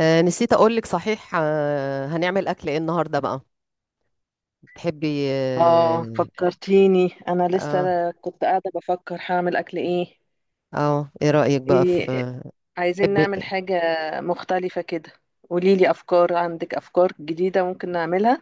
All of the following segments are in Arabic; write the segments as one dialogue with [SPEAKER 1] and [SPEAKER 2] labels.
[SPEAKER 1] نسيت أقولك صحيح. هنعمل أكل إيه النهاردة بقى؟ تحبي؟
[SPEAKER 2] اه، فكرتيني. انا
[SPEAKER 1] آه
[SPEAKER 2] لسه كنت قاعده بفكر هعمل اكل ايه.
[SPEAKER 1] إيه رأيك بقى في...
[SPEAKER 2] ايه، عايزين
[SPEAKER 1] تحبي،
[SPEAKER 2] نعمل حاجه مختلفه كده. قوليلي افكار، عندك افكار جديده ممكن نعملها.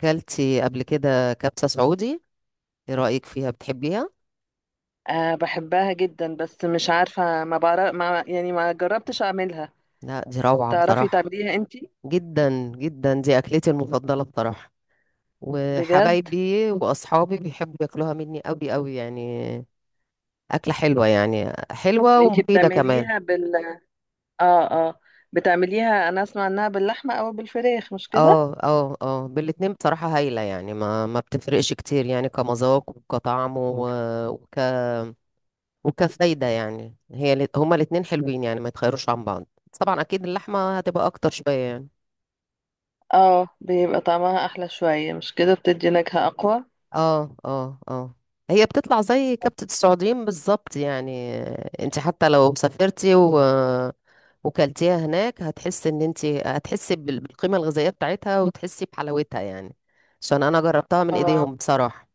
[SPEAKER 1] كلتي قبل كده كبسة سعودي؟ إيه رأيك فيها، بتحبيها؟
[SPEAKER 2] أه، بحبها جدا، بس مش عارفه، ما بعرف، ما يعني، ما جربتش اعملها.
[SPEAKER 1] لا، دي روعة
[SPEAKER 2] تعرفي
[SPEAKER 1] بصراحة.
[SPEAKER 2] تعمليها انتي؟
[SPEAKER 1] جدا جدا، دي أكلتي المفضلة بصراحة.
[SPEAKER 2] بجد؟
[SPEAKER 1] وحبايبي وأصحابي بيحبوا ياكلوها مني أوي أوي يعني. أكلة حلوة يعني،
[SPEAKER 2] طب
[SPEAKER 1] حلوة
[SPEAKER 2] انتي
[SPEAKER 1] ومفيدة كمان.
[SPEAKER 2] اه اه بتعمليها، انا اسمع انها باللحمه او بالفراخ، مش كده؟
[SPEAKER 1] اه اه اه، بالاتنين بصراحة هايلة يعني. ما بتفرقش كتير يعني، كمذاق وكطعم و- وك وكفايدة يعني. هي هما الاتنين حلوين يعني، ما يتخيروش عن بعض. بس طبعا اكيد اللحمة هتبقى اكتر شوية يعني.
[SPEAKER 2] اه، بيبقى طعمها احلى شويه، مش كده؟ بتدي نكهه اقوى.
[SPEAKER 1] اه اه اه. هي بتطلع زي كبتة السعوديين بالظبط يعني. انت حتى لو سافرتي و وكلتيها هناك، هتحسي ان انت هتحسي بالقيمة الغذائية بتاعتها، وتحسي بحلاوتها يعني، عشان انا جربتها من
[SPEAKER 2] اه،
[SPEAKER 1] ايديهم بصراحة.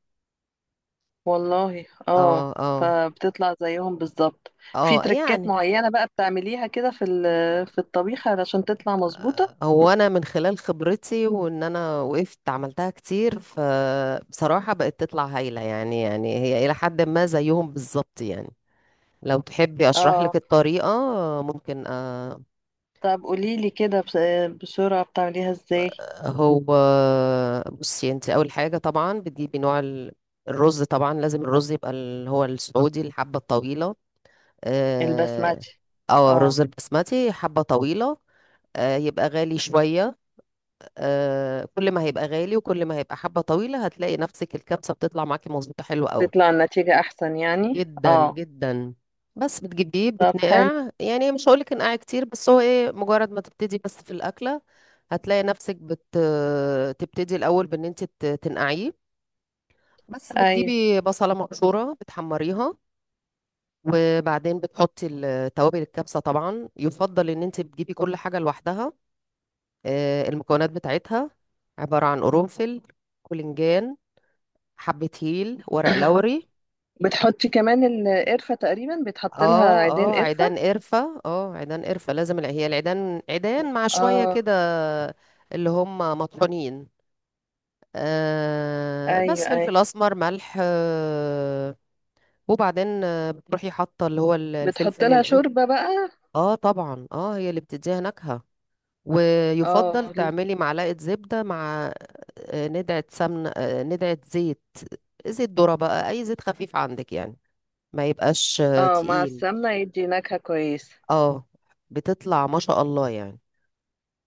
[SPEAKER 2] والله،
[SPEAKER 1] اه
[SPEAKER 2] اه،
[SPEAKER 1] اه
[SPEAKER 2] فبتطلع زيهم بالظبط. في
[SPEAKER 1] اه
[SPEAKER 2] تركات
[SPEAKER 1] يعني.
[SPEAKER 2] معينة بقى بتعمليها كده في الطبيخ علشان تطلع مظبوطة؟
[SPEAKER 1] هو انا من خلال خبرتي وان انا وقفت عملتها كتير، فبصراحة بقت تطلع هايلة يعني هي الى حد ما زيهم بالظبط يعني. لو تحبي اشرح
[SPEAKER 2] اه.
[SPEAKER 1] لك الطريقة؟ ممكن.
[SPEAKER 2] طب قوليلي كده بسرعة بتعمليها ازاي؟
[SPEAKER 1] هو، بصي، انت اول حاجة طبعا بتجيبي نوع الرز. طبعا لازم الرز يبقى اللي هو السعودي الحبة الطويلة، اه.
[SPEAKER 2] البسمتي. اه،
[SPEAKER 1] الرز البسمتي حبة طويلة. يبقى غالي شوية. كل ما هيبقى غالي وكل ما هيبقى حبة طويلة، هتلاقي نفسك الكبسة بتطلع معاكي مظبوطة حلوة قوي.
[SPEAKER 2] تطلع النتيجة احسن يعني،
[SPEAKER 1] جدا
[SPEAKER 2] اه.
[SPEAKER 1] جدا. بس بتجيبيه،
[SPEAKER 2] طب، حلو.
[SPEAKER 1] بتنقع يعني، مش هقولك انقع كتير، بس هو ايه، مجرد ما تبتدي بس في الأكلة هتلاقي نفسك تبتدي الأول بإن انت تنقعيه. بس
[SPEAKER 2] ايوه،
[SPEAKER 1] بتجيبي بصلة مبشورة بتحمريها، وبعدين بتحطي توابل الكبسة. طبعا يفضل ان انت بتجيبي كل حاجة لوحدها. المكونات بتاعتها عبارة عن قرنفل، باذنجان، حبة هيل، ورق لوري.
[SPEAKER 2] بتحطي كمان القرفة، تقريبا بتحط لها
[SPEAKER 1] اه
[SPEAKER 2] عيدين
[SPEAKER 1] اه،
[SPEAKER 2] قرفة.
[SPEAKER 1] عيدان قرفة. اه، عيدان قرفة لازم هي العيدان، عيدان مع شوية
[SPEAKER 2] اه.
[SPEAKER 1] كده اللي هم مطحونين.
[SPEAKER 2] ايوه،
[SPEAKER 1] بس
[SPEAKER 2] ايوه،
[SPEAKER 1] فلفل أسمر، ملح. وبعدين بتروحي حاطة اللي هو
[SPEAKER 2] بتحط
[SPEAKER 1] الفلفل
[SPEAKER 2] لها
[SPEAKER 1] الأسود.
[SPEAKER 2] شوربة بقى؟
[SPEAKER 1] اه طبعا، اه هي اللي بتديها نكهة. ويفضل
[SPEAKER 2] اه،
[SPEAKER 1] تعملي معلقة زبدة مع ندعة سمن، ندعة زيت. زيت ذرة بقى، أي زيت خفيف عندك يعني، ما يبقاش
[SPEAKER 2] اه، مع
[SPEAKER 1] تقيل.
[SPEAKER 2] السمنة يدي نكهة كويسة.
[SPEAKER 1] اه، بتطلع ما شاء الله يعني.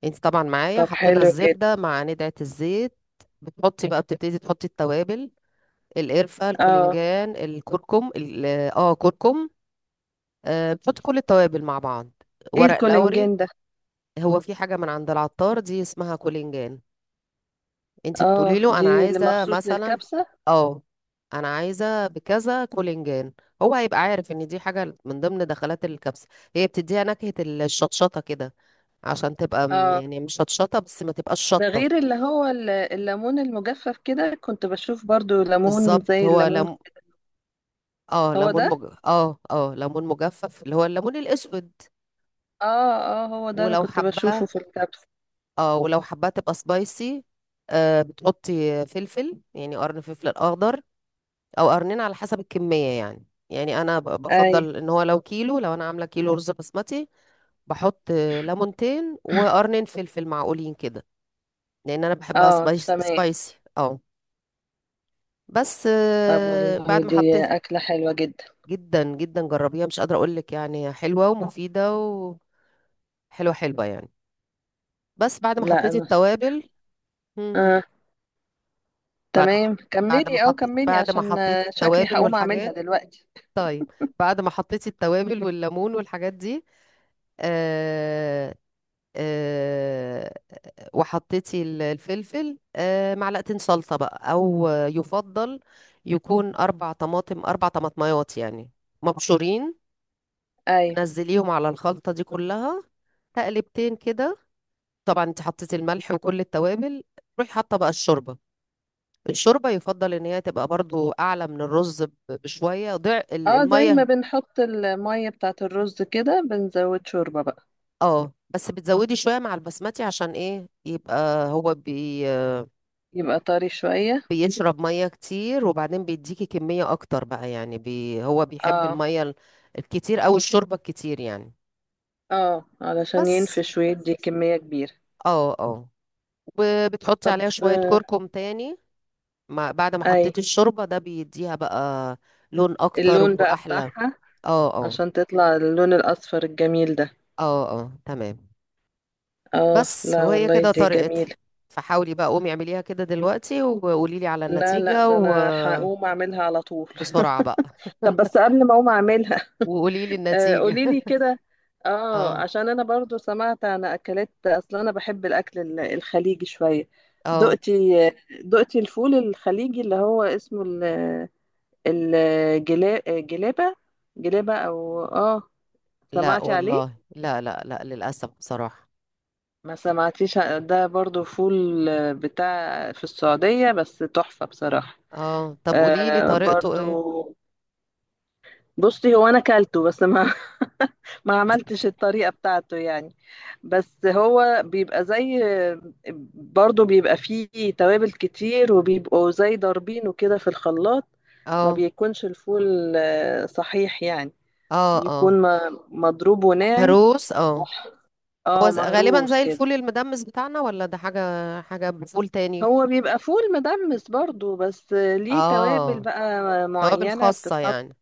[SPEAKER 1] انت طبعا معايا،
[SPEAKER 2] طب
[SPEAKER 1] حطينا
[SPEAKER 2] حلو جدا.
[SPEAKER 1] الزبدة مع ندعة الزيت. بتحطي بقى، بتبتدي تحطي التوابل: القرفة،
[SPEAKER 2] اه.
[SPEAKER 1] الباذنجان، الكركم، كركم. بتحطي كل التوابل مع بعض،
[SPEAKER 2] ايه
[SPEAKER 1] ورق لوري.
[SPEAKER 2] الكولنجين ده؟
[SPEAKER 1] هو في حاجة من عند العطار دي اسمها كولينجان. انت بتقولي
[SPEAKER 2] اه،
[SPEAKER 1] له انا
[SPEAKER 2] دي اللي
[SPEAKER 1] عايزه
[SPEAKER 2] مخصوص
[SPEAKER 1] مثلا،
[SPEAKER 2] للكبسة.
[SPEAKER 1] اه انا عايزه بكذا كولينجان، هو هيبقى عارف ان دي حاجه من ضمن دخلات الكبسه. هي بتديها نكهه الشطشطه كده، عشان تبقى
[SPEAKER 2] اه،
[SPEAKER 1] يعني مش شطشطه، بس ما تبقاش
[SPEAKER 2] ده
[SPEAKER 1] شطه.
[SPEAKER 2] غير اللي هو الليمون المجفف، كده كنت بشوف برضو ليمون،
[SPEAKER 1] بالظبط،
[SPEAKER 2] زي
[SPEAKER 1] هو
[SPEAKER 2] الليمون.
[SPEAKER 1] لم اه
[SPEAKER 2] هو
[SPEAKER 1] ليمون
[SPEAKER 2] ده.
[SPEAKER 1] مج... اه اه ليمون مجفف، اللي هو الليمون الاسود.
[SPEAKER 2] اه. اه، هو ده اللي
[SPEAKER 1] ولو
[SPEAKER 2] كنت بشوفه
[SPEAKER 1] حباه
[SPEAKER 2] في الكبسة.
[SPEAKER 1] اه ولو حباه تبقى سبايسي. بتحطي فلفل يعني، قرن فلفل اخضر او قرنين على حسب الكميه يعني. يعني انا
[SPEAKER 2] اي،
[SPEAKER 1] بفضل ان هو لو كيلو، لو انا عامله كيلو رز بسمتي، بحط ليمونتين وقرنين فلفل معقولين كده، لان انا بحبها
[SPEAKER 2] اه،
[SPEAKER 1] سبايس
[SPEAKER 2] تمام.
[SPEAKER 1] سبايسي اه. بس
[SPEAKER 2] طب والله،
[SPEAKER 1] بعد ما
[SPEAKER 2] دي
[SPEAKER 1] حطيتها...
[SPEAKER 2] أكلة حلوة جدا.
[SPEAKER 1] جدا جدا، جربيها مش قادره اقول لك يعني، حلوه ومفيده وحلوه حلوه يعني، بس بعد ما
[SPEAKER 2] لا
[SPEAKER 1] حطيت
[SPEAKER 2] انا.
[SPEAKER 1] التوابل، مم،
[SPEAKER 2] اه،
[SPEAKER 1] بعد ما حط-
[SPEAKER 2] تمام، كملي اه كملي
[SPEAKER 1] بعد ما
[SPEAKER 2] عشان
[SPEAKER 1] حطيت
[SPEAKER 2] شكلي
[SPEAKER 1] التوابل
[SPEAKER 2] هقوم اعملها
[SPEAKER 1] والحاجات.
[SPEAKER 2] دلوقتي.
[SPEAKER 1] طيب، بعد ما حطيت التوابل والليمون والحاجات دي، آه، آه، وحطيتي الفلفل، معلقتين صلصة بقى، أو يفضل يكون 4 طماطميات يعني، مبشورين،
[SPEAKER 2] اي،
[SPEAKER 1] نزليهم على الخلطة دي كلها، تقلبتين كده. طبعا انت حطيتي الملح وكل التوابل. روحي حاطة بقى الشوربة يفضل ان هي تبقى برضو أعلى من الرز بشوية. ضع
[SPEAKER 2] اه، زي ما
[SPEAKER 1] المية.
[SPEAKER 2] بنحط المية بتاعة الرز كده، بنزود شوربة بقى.
[SPEAKER 1] اه، بس بتزودي شوية مع البسمتي عشان ايه يبقى، هو
[SPEAKER 2] يبقى طري شوية.
[SPEAKER 1] بيشرب ميه كتير، وبعدين بيديكي كميه اكتر بقى يعني. هو بيحب
[SPEAKER 2] اه،
[SPEAKER 1] الميه الكتير او الشوربه الكتير يعني.
[SPEAKER 2] اه، علشان
[SPEAKER 1] بس
[SPEAKER 2] ينفش ويدي كمية كبيرة.
[SPEAKER 1] اه اه. وبتحطي
[SPEAKER 2] طب
[SPEAKER 1] عليها شويه كركم تاني، مع بعد ما
[SPEAKER 2] اي،
[SPEAKER 1] حطيتي الشوربه، ده بيديها بقى لون اكتر
[SPEAKER 2] اللون بقى
[SPEAKER 1] واحلى.
[SPEAKER 2] بتاعها.
[SPEAKER 1] اه اه
[SPEAKER 2] عشان تطلع اللون الأصفر الجميل ده.
[SPEAKER 1] اه اه تمام.
[SPEAKER 2] اه،
[SPEAKER 1] بس
[SPEAKER 2] لا
[SPEAKER 1] وهي
[SPEAKER 2] والله
[SPEAKER 1] كده
[SPEAKER 2] دي
[SPEAKER 1] طرقت.
[SPEAKER 2] جميلة.
[SPEAKER 1] فحاولي بقى، قومي اعمليها كده دلوقتي، وقولي لي على
[SPEAKER 2] لا، لا،
[SPEAKER 1] النتيجه.
[SPEAKER 2] ده انا هقوم اعملها على طول.
[SPEAKER 1] وبسرعه بقى،
[SPEAKER 2] طب بس قبل ما اقوم اعملها،
[SPEAKER 1] وقولي لي النتيجه.
[SPEAKER 2] قوليلي كده. اه،
[SPEAKER 1] اه
[SPEAKER 2] عشان انا برضو سمعت عن اكلات، اصلا انا بحب الاكل الخليجي شوية.
[SPEAKER 1] اه.
[SPEAKER 2] دقتي دقتي الفول الخليجي اللي هو اسمه الجلابة. جلابة، جلابة او اه.
[SPEAKER 1] لا
[SPEAKER 2] سمعتي عليه؟
[SPEAKER 1] والله، لا لا لا، للأسف بصراحة.
[SPEAKER 2] ما سمعتيش. ده برضو فول بتاع في السعودية، بس تحفة بصراحة.
[SPEAKER 1] اه، طب قولي لي
[SPEAKER 2] آه،
[SPEAKER 1] طريقته ايه.
[SPEAKER 2] برضو. بصي، هو انا كلته بس ما. ما عملتش الطريقة بتاعته يعني. بس هو بيبقى زي. برضو بيبقى فيه توابل كتير، وبيبقوا زي ضاربينه كده في الخلاط. ما
[SPEAKER 1] اه
[SPEAKER 2] بيكونش الفول صحيح يعني.
[SPEAKER 1] اه اه،
[SPEAKER 2] بيكون مضروب وناعم.
[SPEAKER 1] مهروس، اه.
[SPEAKER 2] وح-
[SPEAKER 1] هو
[SPEAKER 2] اه،
[SPEAKER 1] غالبا
[SPEAKER 2] مهروس
[SPEAKER 1] زي
[SPEAKER 2] كده.
[SPEAKER 1] الفول المدمس بتاعنا، ولا ده حاجة بفول تاني؟
[SPEAKER 2] هو بيبقى فول مدمس برضو، بس ليه توابل
[SPEAKER 1] اه،
[SPEAKER 2] بقى
[SPEAKER 1] توابل
[SPEAKER 2] معينة
[SPEAKER 1] خاصة
[SPEAKER 2] بتتحط.
[SPEAKER 1] يعني.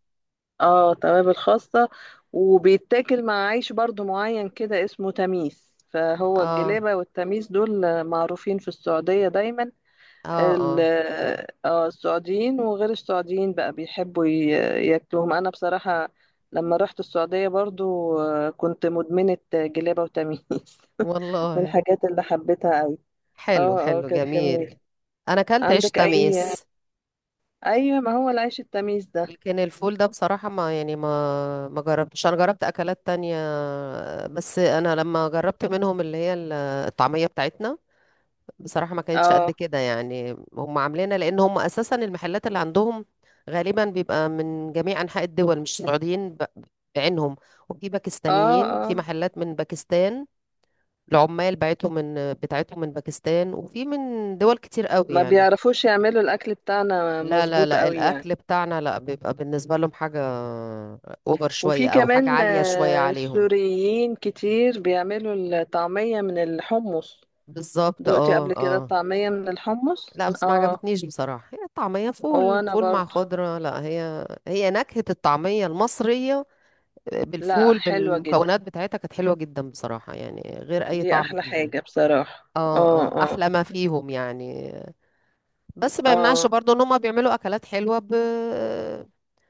[SPEAKER 2] اه، توابل خاصة. وبيتاكل مع عيش برضو معين كده اسمه تميس، فهو
[SPEAKER 1] اه
[SPEAKER 2] الجلابة والتميس دول معروفين في السعودية دايما.
[SPEAKER 1] اه
[SPEAKER 2] ال-
[SPEAKER 1] اه
[SPEAKER 2] اه، السعوديين وغير السعوديين بقى بيحبوا ياكلوهم. انا بصراحة لما رحت السعودية برضو كنت مدمنة جلابة وتميس. من
[SPEAKER 1] والله.
[SPEAKER 2] الحاجات اللي حبيتها قوي.
[SPEAKER 1] حلو
[SPEAKER 2] اه، اه،
[SPEAKER 1] حلو،
[SPEAKER 2] كانت جميلة.
[SPEAKER 1] جميل. انا اكلت عيش
[SPEAKER 2] عندك اي؟
[SPEAKER 1] تميس.
[SPEAKER 2] ايوه، ما هو العيش التميس ده.
[SPEAKER 1] لكن الفول ده بصراحة ما يعني، ما جربتش، انا جربت اكلات تانية. بس انا لما جربت منهم اللي هي الطعمية بتاعتنا، بصراحة ما كانتش قد
[SPEAKER 2] اه،
[SPEAKER 1] كده يعني. هم عاملينها، لان هم اساسا المحلات اللي عندهم غالبا بيبقى من جميع انحاء الدول، مش سعوديين بعينهم. وفي
[SPEAKER 2] اه،
[SPEAKER 1] باكستانيين، في
[SPEAKER 2] اه،
[SPEAKER 1] محلات من باكستان، العمال بتاعتهم من باكستان، وفي من دول كتير قوي
[SPEAKER 2] ما
[SPEAKER 1] يعني.
[SPEAKER 2] بيعرفوش يعملوا الاكل بتاعنا
[SPEAKER 1] لا لا
[SPEAKER 2] مظبوط
[SPEAKER 1] لا،
[SPEAKER 2] قوي يعني.
[SPEAKER 1] الاكل بتاعنا لا، بيبقى بالنسبه لهم حاجه اوفر شويه
[SPEAKER 2] وفي
[SPEAKER 1] او حاجه
[SPEAKER 2] كمان
[SPEAKER 1] عاليه شويه عليهم.
[SPEAKER 2] سوريين كتير بيعملوا الطعمية من الحمص.
[SPEAKER 1] بالظبط،
[SPEAKER 2] دقتي
[SPEAKER 1] اه
[SPEAKER 2] قبل كده
[SPEAKER 1] اه.
[SPEAKER 2] الطعمية من الحمص؟
[SPEAKER 1] لا بس ما
[SPEAKER 2] اه.
[SPEAKER 1] عجبتنيش بصراحه، هي الطعميه فول
[SPEAKER 2] وانا
[SPEAKER 1] فول مع
[SPEAKER 2] برضو.
[SPEAKER 1] خضره، لا هي نكهه الطعميه المصريه
[SPEAKER 2] لا،
[SPEAKER 1] بالفول،
[SPEAKER 2] حلوة جدا.
[SPEAKER 1] بالمكونات بتاعتها، كانت حلوه جدا بصراحه يعني، غير اي
[SPEAKER 2] دي
[SPEAKER 1] طعم
[SPEAKER 2] احلى
[SPEAKER 1] تاني.
[SPEAKER 2] حاجة بصراحة.
[SPEAKER 1] اه
[SPEAKER 2] اه،
[SPEAKER 1] اه،
[SPEAKER 2] اه،
[SPEAKER 1] احلى ما فيهم يعني. بس ما يمنعش
[SPEAKER 2] اه،
[SPEAKER 1] برضو ان هم بيعملوا اكلات حلوه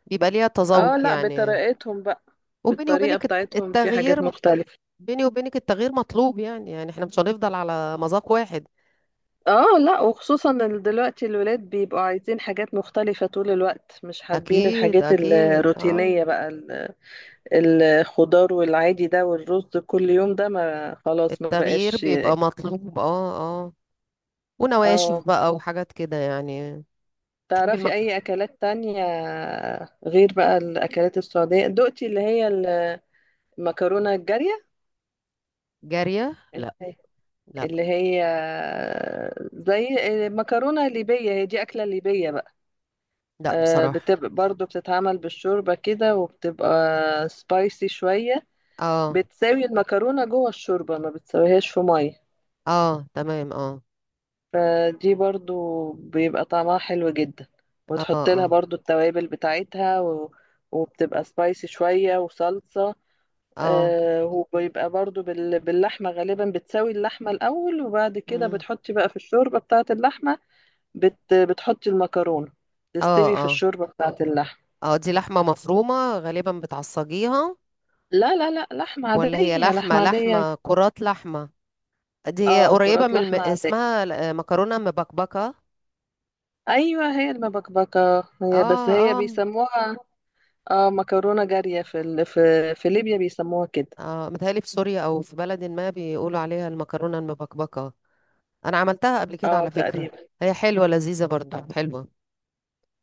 [SPEAKER 1] بيبقى ليها
[SPEAKER 2] اه.
[SPEAKER 1] تذوق
[SPEAKER 2] لا،
[SPEAKER 1] يعني.
[SPEAKER 2] بطريقتهم بقى،
[SPEAKER 1] وبيني
[SPEAKER 2] بالطريقة
[SPEAKER 1] وبينك الت-
[SPEAKER 2] بتاعتهم في
[SPEAKER 1] التغيير
[SPEAKER 2] حاجات مختلفة.
[SPEAKER 1] بيني وبينك التغيير مطلوب يعني احنا مش هنفضل على مذاق واحد.
[SPEAKER 2] اه، لا، وخصوصا ان دلوقتي الولاد بيبقوا عايزين حاجات مختلفة طول الوقت، مش حابين
[SPEAKER 1] اكيد
[SPEAKER 2] الحاجات
[SPEAKER 1] اكيد، اه.
[SPEAKER 2] الروتينية بقى. الخضار والعادي ده، والرز كل يوم ده، ما خلاص ما
[SPEAKER 1] التغيير
[SPEAKER 2] بقاش.
[SPEAKER 1] بيبقى مطلوب، اه اه، ونواشف
[SPEAKER 2] اه.
[SPEAKER 1] بقى، وحاجات كده يعني. تحبي
[SPEAKER 2] تعرفي
[SPEAKER 1] المكة؟
[SPEAKER 2] اي اكلات تانية غير بقى الاكلات السعودية؟ دقتي اللي هي المكرونة الجارية؟
[SPEAKER 1] جارية؟
[SPEAKER 2] اللي
[SPEAKER 1] لا،
[SPEAKER 2] هي
[SPEAKER 1] لا
[SPEAKER 2] اللي هي زي المكرونة الليبية، هي دي أكلة ليبية بقى.
[SPEAKER 1] لا، بصراحة.
[SPEAKER 2] بتبقى برضو بتتعمل بالشوربة كده، وبتبقى سبايسي شوية.
[SPEAKER 1] اه
[SPEAKER 2] بتساوي المكرونة جوه الشوربة، ما بتساويهاش في مية.
[SPEAKER 1] اه تمام. اه
[SPEAKER 2] فدي برضو بيبقى طعمها حلو جدا.
[SPEAKER 1] اه
[SPEAKER 2] وتحط لها
[SPEAKER 1] اه
[SPEAKER 2] برضو التوابل بتاعتها وبتبقى سبايسي شوية وصلصة.
[SPEAKER 1] اه.
[SPEAKER 2] وبيبقى برضو باللحمة غالبا، بتساوي اللحمة الأول، وبعد كده
[SPEAKER 1] مم.
[SPEAKER 2] بتحطي بقى في الشوربة بتاعة اللحمة. بتحطي المكرونة،
[SPEAKER 1] اه
[SPEAKER 2] تستوي في
[SPEAKER 1] اه
[SPEAKER 2] الشوربة بتاعة اللحمة.
[SPEAKER 1] اه، دي لحمة مفرومة غالبا بتعصجيها،
[SPEAKER 2] لا، لا، لا، لحمة
[SPEAKER 1] ولا هي
[SPEAKER 2] عادية، لحمة
[SPEAKER 1] لحمة،
[SPEAKER 2] عادية.
[SPEAKER 1] لحمة كرات لحمة؟ دي هي
[SPEAKER 2] اه،
[SPEAKER 1] قريبة
[SPEAKER 2] كرات
[SPEAKER 1] من الم...،
[SPEAKER 2] لحمة عادية.
[SPEAKER 1] اسمها مكرونة مبكبكة.
[SPEAKER 2] ايوه، هي المبكبكة هي، بس
[SPEAKER 1] اه
[SPEAKER 2] هي
[SPEAKER 1] اه
[SPEAKER 2] بيسموها اه مكرونة جارية في في ليبيا بيسموها كده.
[SPEAKER 1] اه، متهيألي في سوريا او في بلد ما بيقولوا عليها المكرونه المبكبكه. انا عملتها قبل كده
[SPEAKER 2] اه،
[SPEAKER 1] على فكره.
[SPEAKER 2] تقريبا.
[SPEAKER 1] هي حلوه لذيذه، برضو حلوه.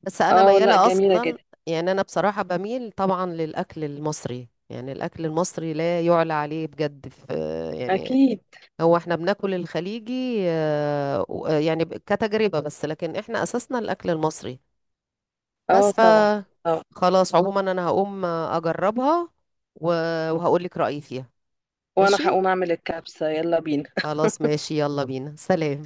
[SPEAKER 1] بس انا
[SPEAKER 2] اه، لا،
[SPEAKER 1] مياله
[SPEAKER 2] جميلة
[SPEAKER 1] اصلا
[SPEAKER 2] جدا.
[SPEAKER 1] يعني. انا بصراحه بميل طبعا للاكل المصري يعني. الاكل المصري لا يعلى عليه بجد في يعني.
[SPEAKER 2] اكيد.
[SPEAKER 1] هو احنا بناكل الخليجي، يعني كتجربه بس، لكن احنا اساسنا الاكل المصري،
[SPEAKER 2] اه،
[SPEAKER 1] بس
[SPEAKER 2] طبعا. اه.
[SPEAKER 1] خلاص عموما. انا هقوم اجربها وهقول لك رايي فيها.
[SPEAKER 2] وانا
[SPEAKER 1] ماشي،
[SPEAKER 2] هقوم اعمل الكبسة، يلا بينا.
[SPEAKER 1] خلاص، ماشي، يلا بينا، سلام.